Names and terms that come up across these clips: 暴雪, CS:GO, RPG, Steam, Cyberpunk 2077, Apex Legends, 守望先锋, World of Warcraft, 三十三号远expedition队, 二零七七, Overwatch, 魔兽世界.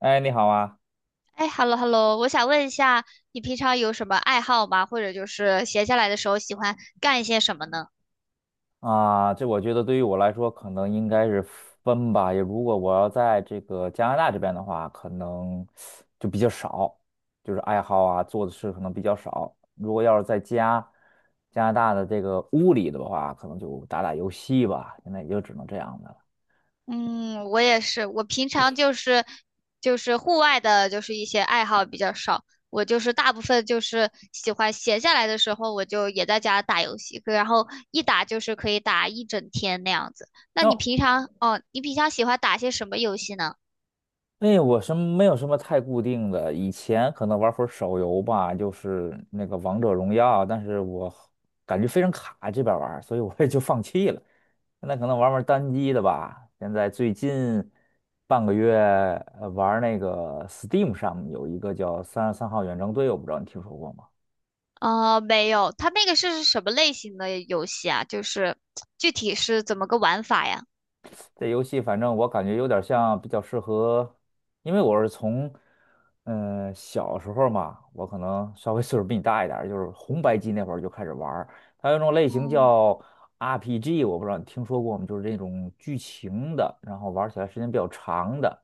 哎，你好啊！哎，hello hello，我想问一下，你平常有什么爱好吗？或者就是闲下来的时候喜欢干一些什么呢？啊，这我觉得对于我来说，可能应该是分吧。也如果我要在这个加拿大这边的话，可能就比较少，就是爱好啊，做的事可能比较少。如果要是在家加拿大的这个屋里的话，可能就打打游戏吧。现在也就只能这样的了。嗯，我也是，我平常就是户外的，就是一些爱好比较少。我就是大部分就是喜欢闲下来的时候，我就也在家打游戏，然后一打就是可以打一整天那样子。那你那平常哦，你平常喜欢打些什么游戏呢？哎，我什么没有什么太固定的，以前可能玩会儿手游吧，就是那个王者荣耀，但是我感觉非常卡这边玩儿，所以我也就放弃了。现在可能玩玩单机的吧。现在最近半个月玩儿那个 Steam 上有一个叫《33号远征队》，我不知道你听说过吗？哦，没有，它那个是什么类型的游戏啊？就是具体是怎么个玩法呀？这游戏反正我感觉有点像比较适合，因为我是从，小时候嘛，我可能稍微岁数比你大一点儿，就是红白机那会儿就开始玩儿。它有一种类型嗯叫 RPG，我不知道你听说过吗？就是这种剧情的，然后玩起来时间比较长的。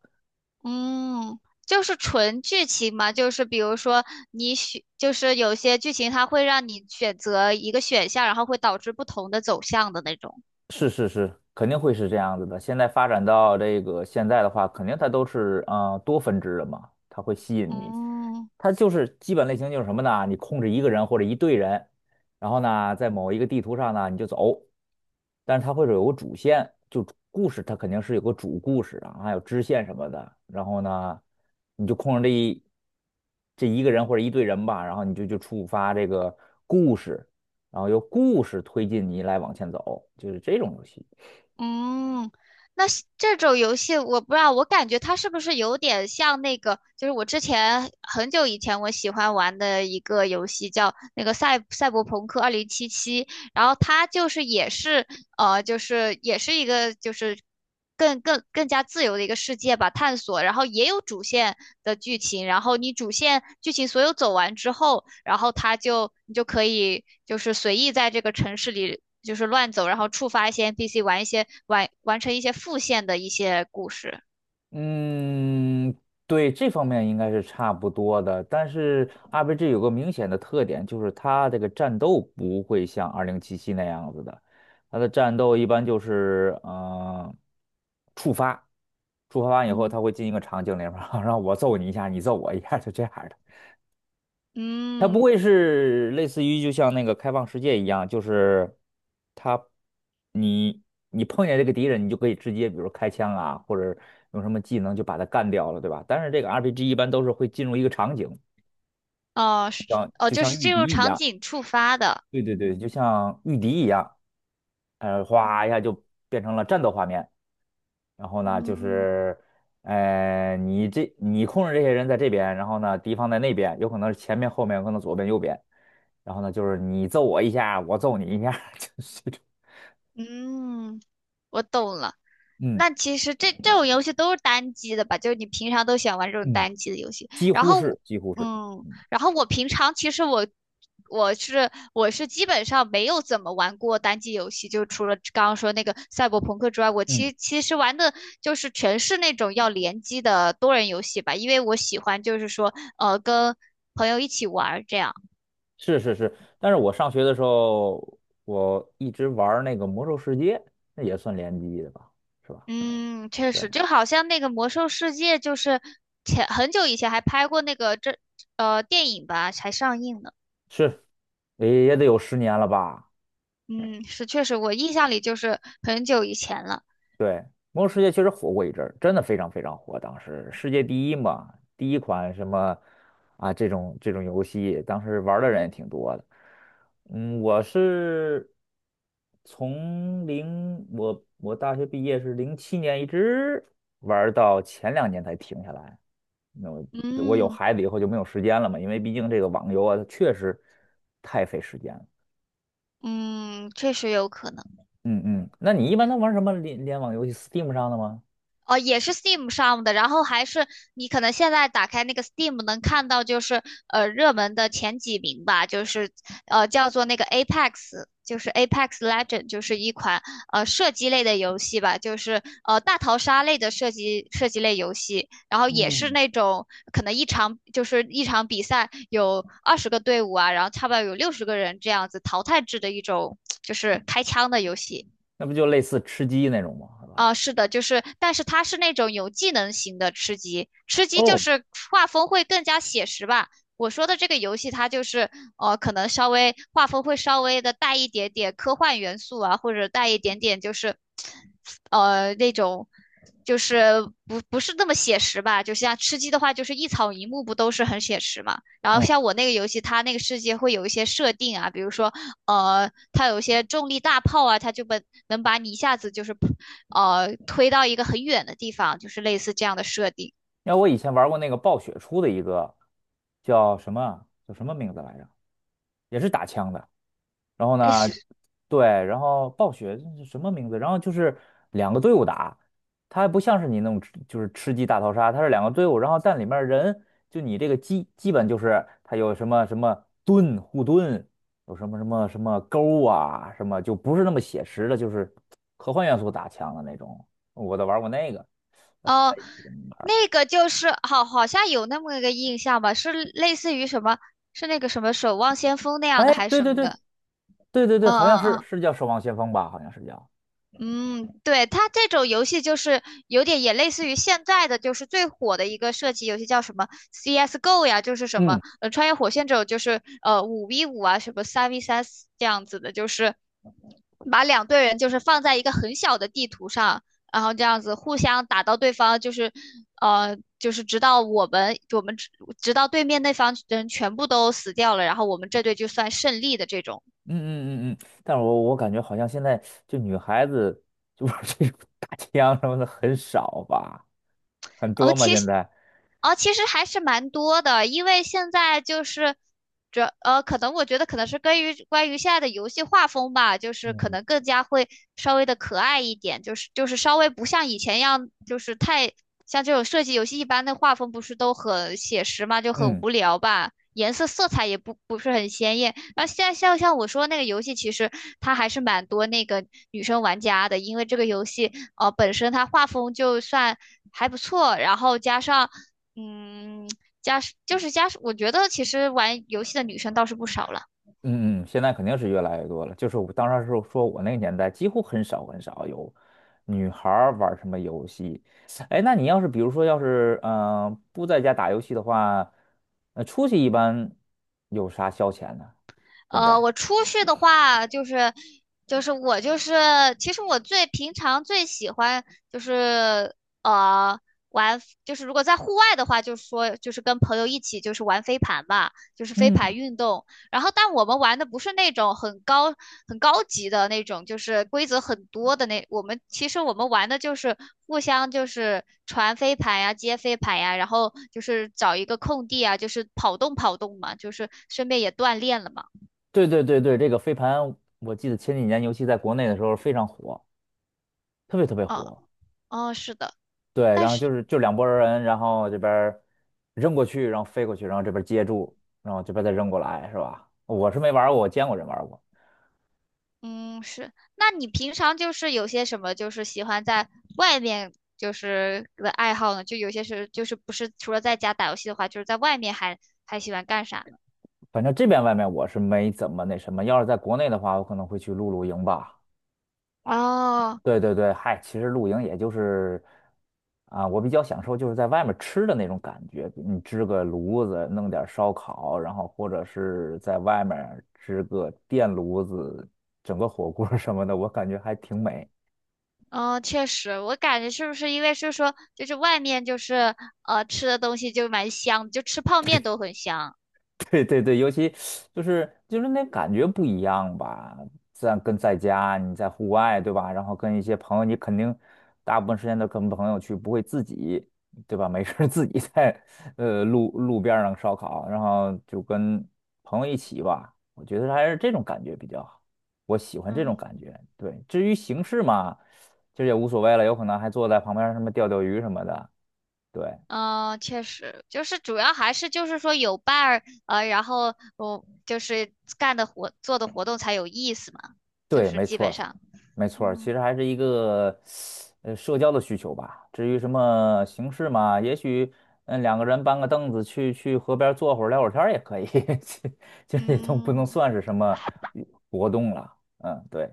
嗯，就是纯剧情嘛，就是比如说你选，就是有些剧情它会让你选择一个选项，然后会导致不同的走向的那种。是是是，肯定会是这样子的。现在发展到这个现在的话，肯定它都是多分支的嘛，它会吸引你。嗯它就是基本类型就是什么呢？你控制一个人或者一队人，然后呢，在某一个地图上呢你就走，但是它会有个主线，就故事它肯定是有个主故事啊，还有支线什么的。然后呢，你就控制这一个人或者一队人吧，然后你就触发这个故事。然后由故事推进你来往前走，就是这种游戏。嗯，那是这种游戏我不知道，我感觉它是不是有点像那个，就是我之前很久以前我喜欢玩的一个游戏叫那个赛博朋克2077，然后它就是也是。就是也是一个就是更加自由的一个世界吧，探索。然后也有主线的剧情，然后你主线剧情所有走完之后，然后它就你就可以就是随意在这个城市里就是乱走，然后触发一些 NPC，玩一些完成一些副线的一些故事。嗯，对，这方面应该是差不多的。但是 RPG 有个明显的特点，就是它这个战斗不会像2077》那样子的，它的战斗一般就是触发，触发完以后嗯它会进一个场景里面，然后 我揍你一下，你揍我一下，就这样的。它不嗯，会是类似于就像那个开放世界一样，就是它你你碰见这个敌人，你就可以直接比如开枪啊，或者用什么技能就把他干掉了，对吧？但是这个 RPG 一般都是会进入一个场景，哦是像哦，就就像是御进敌入一场样。景触发的。对对对，就嗯像御敌一样，哗一下嗯就变成了战斗画面。然后呢，就嗯，是，你控制这些人在这边，然后呢，敌方在那边，有可能是前面、后面，有可能左边、右边。然后呢，就是你揍我一下，我揍你一下，就是这种。嗯，我懂了。嗯那其实这种游戏都是单机的吧？就是你平常都喜欢玩这种嗯，单机的游戏。几然乎后是，我几乎是。嗯，嗯然后我平常其实我是基本上没有怎么玩过单机游戏，就除了刚刚说那个赛博朋克之外，我嗯，其实玩的就是全是那种要联机的多人游戏吧，因为我喜欢就是说跟朋友一起玩儿这样。是是是。但是我上学的时候，我一直玩儿那个《魔兽世界》，那也算联机的吧，是吧？嗯，确对。实，就好像那个《魔兽世界》，就是前很久以前还拍过那个电影吧，才上映呢。是，也也得有10年了吧？嗯，是确实，我印象里就是很久以前了。对，魔兽世界确实火过一阵儿，真的非常非常火。当时世界第一嘛，第一款什么啊这种这种游戏，当时玩儿的人也挺多的。嗯，我是从零我大学毕业是07年，一直玩儿到前两年才停下来。那我我有嗯孩子以后就没有时间了嘛，因为毕竟这个网游啊，它确实太费时间了。嗯，确实有可能。嗯嗯，那你一般都玩什么联网游戏？Steam 上的吗？哦，也是 Steam 上的，然后还是你可能现在打开那个 Steam 能看到，就是热门的前几名吧，就是叫做那个 Apex，就是 Apex Legend，就是一款射击类的游戏吧，就是大逃杀类的射击类游戏，然后也是嗯，那种可能一场就是一场比赛有20个队伍啊，然后差不多有60个人这样子淘汰制的一种就是开枪的游戏。那不就类似吃鸡那种吗？是吧？啊、是的，就是，但是它是那种有技能型的吃鸡，吃鸡就哦，是画风会更加写实吧。我说的这个游戏，它就是可能稍微画风会稍微的带一点点科幻元素啊，或者带一点点就是那种就是不是那么写实吧。就像吃鸡的话，就是一草一木不都是很写实嘛。然后嗯，像我那个游戏，它那个世界会有一些设定啊，比如说它有一些重力大炮啊，它就把能把你一下子就是推到一个很远的地方，就是类似这样的设定。因为我以前玩过那个暴雪出的一个叫什么啊，叫什么名字来着，也是打枪的。然后哎，呢，是对，然后暴雪这是什么名字？然后就是两个队伍打，它还不像是你那种吃就是吃鸡大逃杀，它是两个队伍，然后但里面人就你这个基本就是它有什么什么盾护盾，有什么什么什么钩啊，什么就不是那么写实的，就是科幻元素打枪的那种。我都玩过那个，后哦、来也不怎么玩儿。那个就是好像有那么一个印象吧，是类似于什么，是那个什么守望先锋那样哎，的还是对什对么对，的？对对对，嗯好像嗯是嗯是叫《守望先锋》吧？好像是叫，嗯，对，它这种游戏就是有点也类似于现在的，就是最火的一个射击游戏叫什么 CS:GO 呀，就是什么嗯。穿越火线这种，就是5v5啊，什么3v3这样子的，就是把两队人就是放在一个很小的地图上，然后这样子互相打到对方，就是就是直到我们我们直直到对面那方人全部都死掉了，然后我们这队就算胜利的这种。嗯嗯嗯嗯，但是我感觉好像现在就女孩子就 玩这种打枪什么的很少吧，很哦，多吗？其现实，在。哦，其实还是蛮多的，因为现在就是可能我觉得可能是关于现在的游戏画风吧，就是可嗯，能更加会稍微的可爱一点，就是稍微不像以前一样，就是太像这种射击游戏一般的画风不是都很写实嘛，就很嗯无聊吧，颜色色彩也不是很鲜艳。那后现在像我说那个游戏，其实它还是蛮多那个女生玩家的，因为这个游戏本身它画风就算还不错，然后加上嗯。家就是家我觉得其实玩游戏的女生倒是不少了，嗯嗯，现在肯定是越来越多了。就是我当时是说我那个年代几乎很少很少有女孩儿玩什么游戏。哎，那你要是比如说要是不在家打游戏的话，出去一般有啥消遣呢？现在？我出去的话，就是我就是，其实我最平常最喜欢就是呃玩，就是如果在户外的话，就是说就是跟朋友一起就是玩飞盘吧，就是飞嗯。盘运动。然后，但我们玩的不是那种很高级的那种，就是规则很多的那。其实我们玩的就是互相就是传飞盘呀、接飞盘呀，然后就是找一个空地啊，就是跑动跑动嘛，就是顺便也锻炼了嘛。对对对对，这个飞盘，我记得前几年，尤其在国内的时候非常火，特别特别哦火。哦，是的，对，但然后是，就是就两拨儿人，然后这边儿扔过去，然后飞过去，然后这边儿接住，然后这边儿再扔过来，是吧？我是没玩儿过，我见过人玩儿过。嗯，是，那你平常就是有些什么，就是喜欢在外面就是的爱好呢？就有些是，就是不是除了在家打游戏的话，就是在外面还喜欢干啥呢？反正这边外面我是没怎么那什么，要是在国内的话，我可能会去露营吧。哦，对对对，嗨，其实露营也就是啊，我比较享受就是在外面吃的那种感觉，你支个炉子，弄点儿烧烤，然后或者是在外面支个电炉子，整个火锅儿什么的，我感觉还挺美。嗯，确实，我感觉是不是因为是说，就是外面就是吃的东西就蛮香，就吃泡面都很香。对对对，尤其就是就是那感觉不一样吧，在跟在家你在户外对吧？然后跟一些朋友，你肯定大部分时间都跟朋友去，不会自己对吧？没事儿自己在路边儿上烧烤，然后就跟朋友一起吧。我觉得还是这种感觉比较好，我喜欢这种嗯。感觉。对，至于形式嘛，其实也无所谓了，有可能还坐在旁边儿什么钓鱼什么的。对，嗯，确实，就是主要还是就是说有伴儿，然后我就是干的活做的活动才有意思嘛，就对，是没基错本儿，上，没错儿，其嗯实还是一个社交的需求吧。至于什么形式嘛，也许嗯两个人搬个凳子去河边儿坐会儿聊会儿天儿也可以，其其实也都不能嗯算是什么活动了。嗯，对，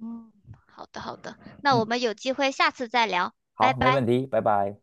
嗯，好的好的，那我嗯，们有机会下次再聊，拜好，没拜。问题，拜拜。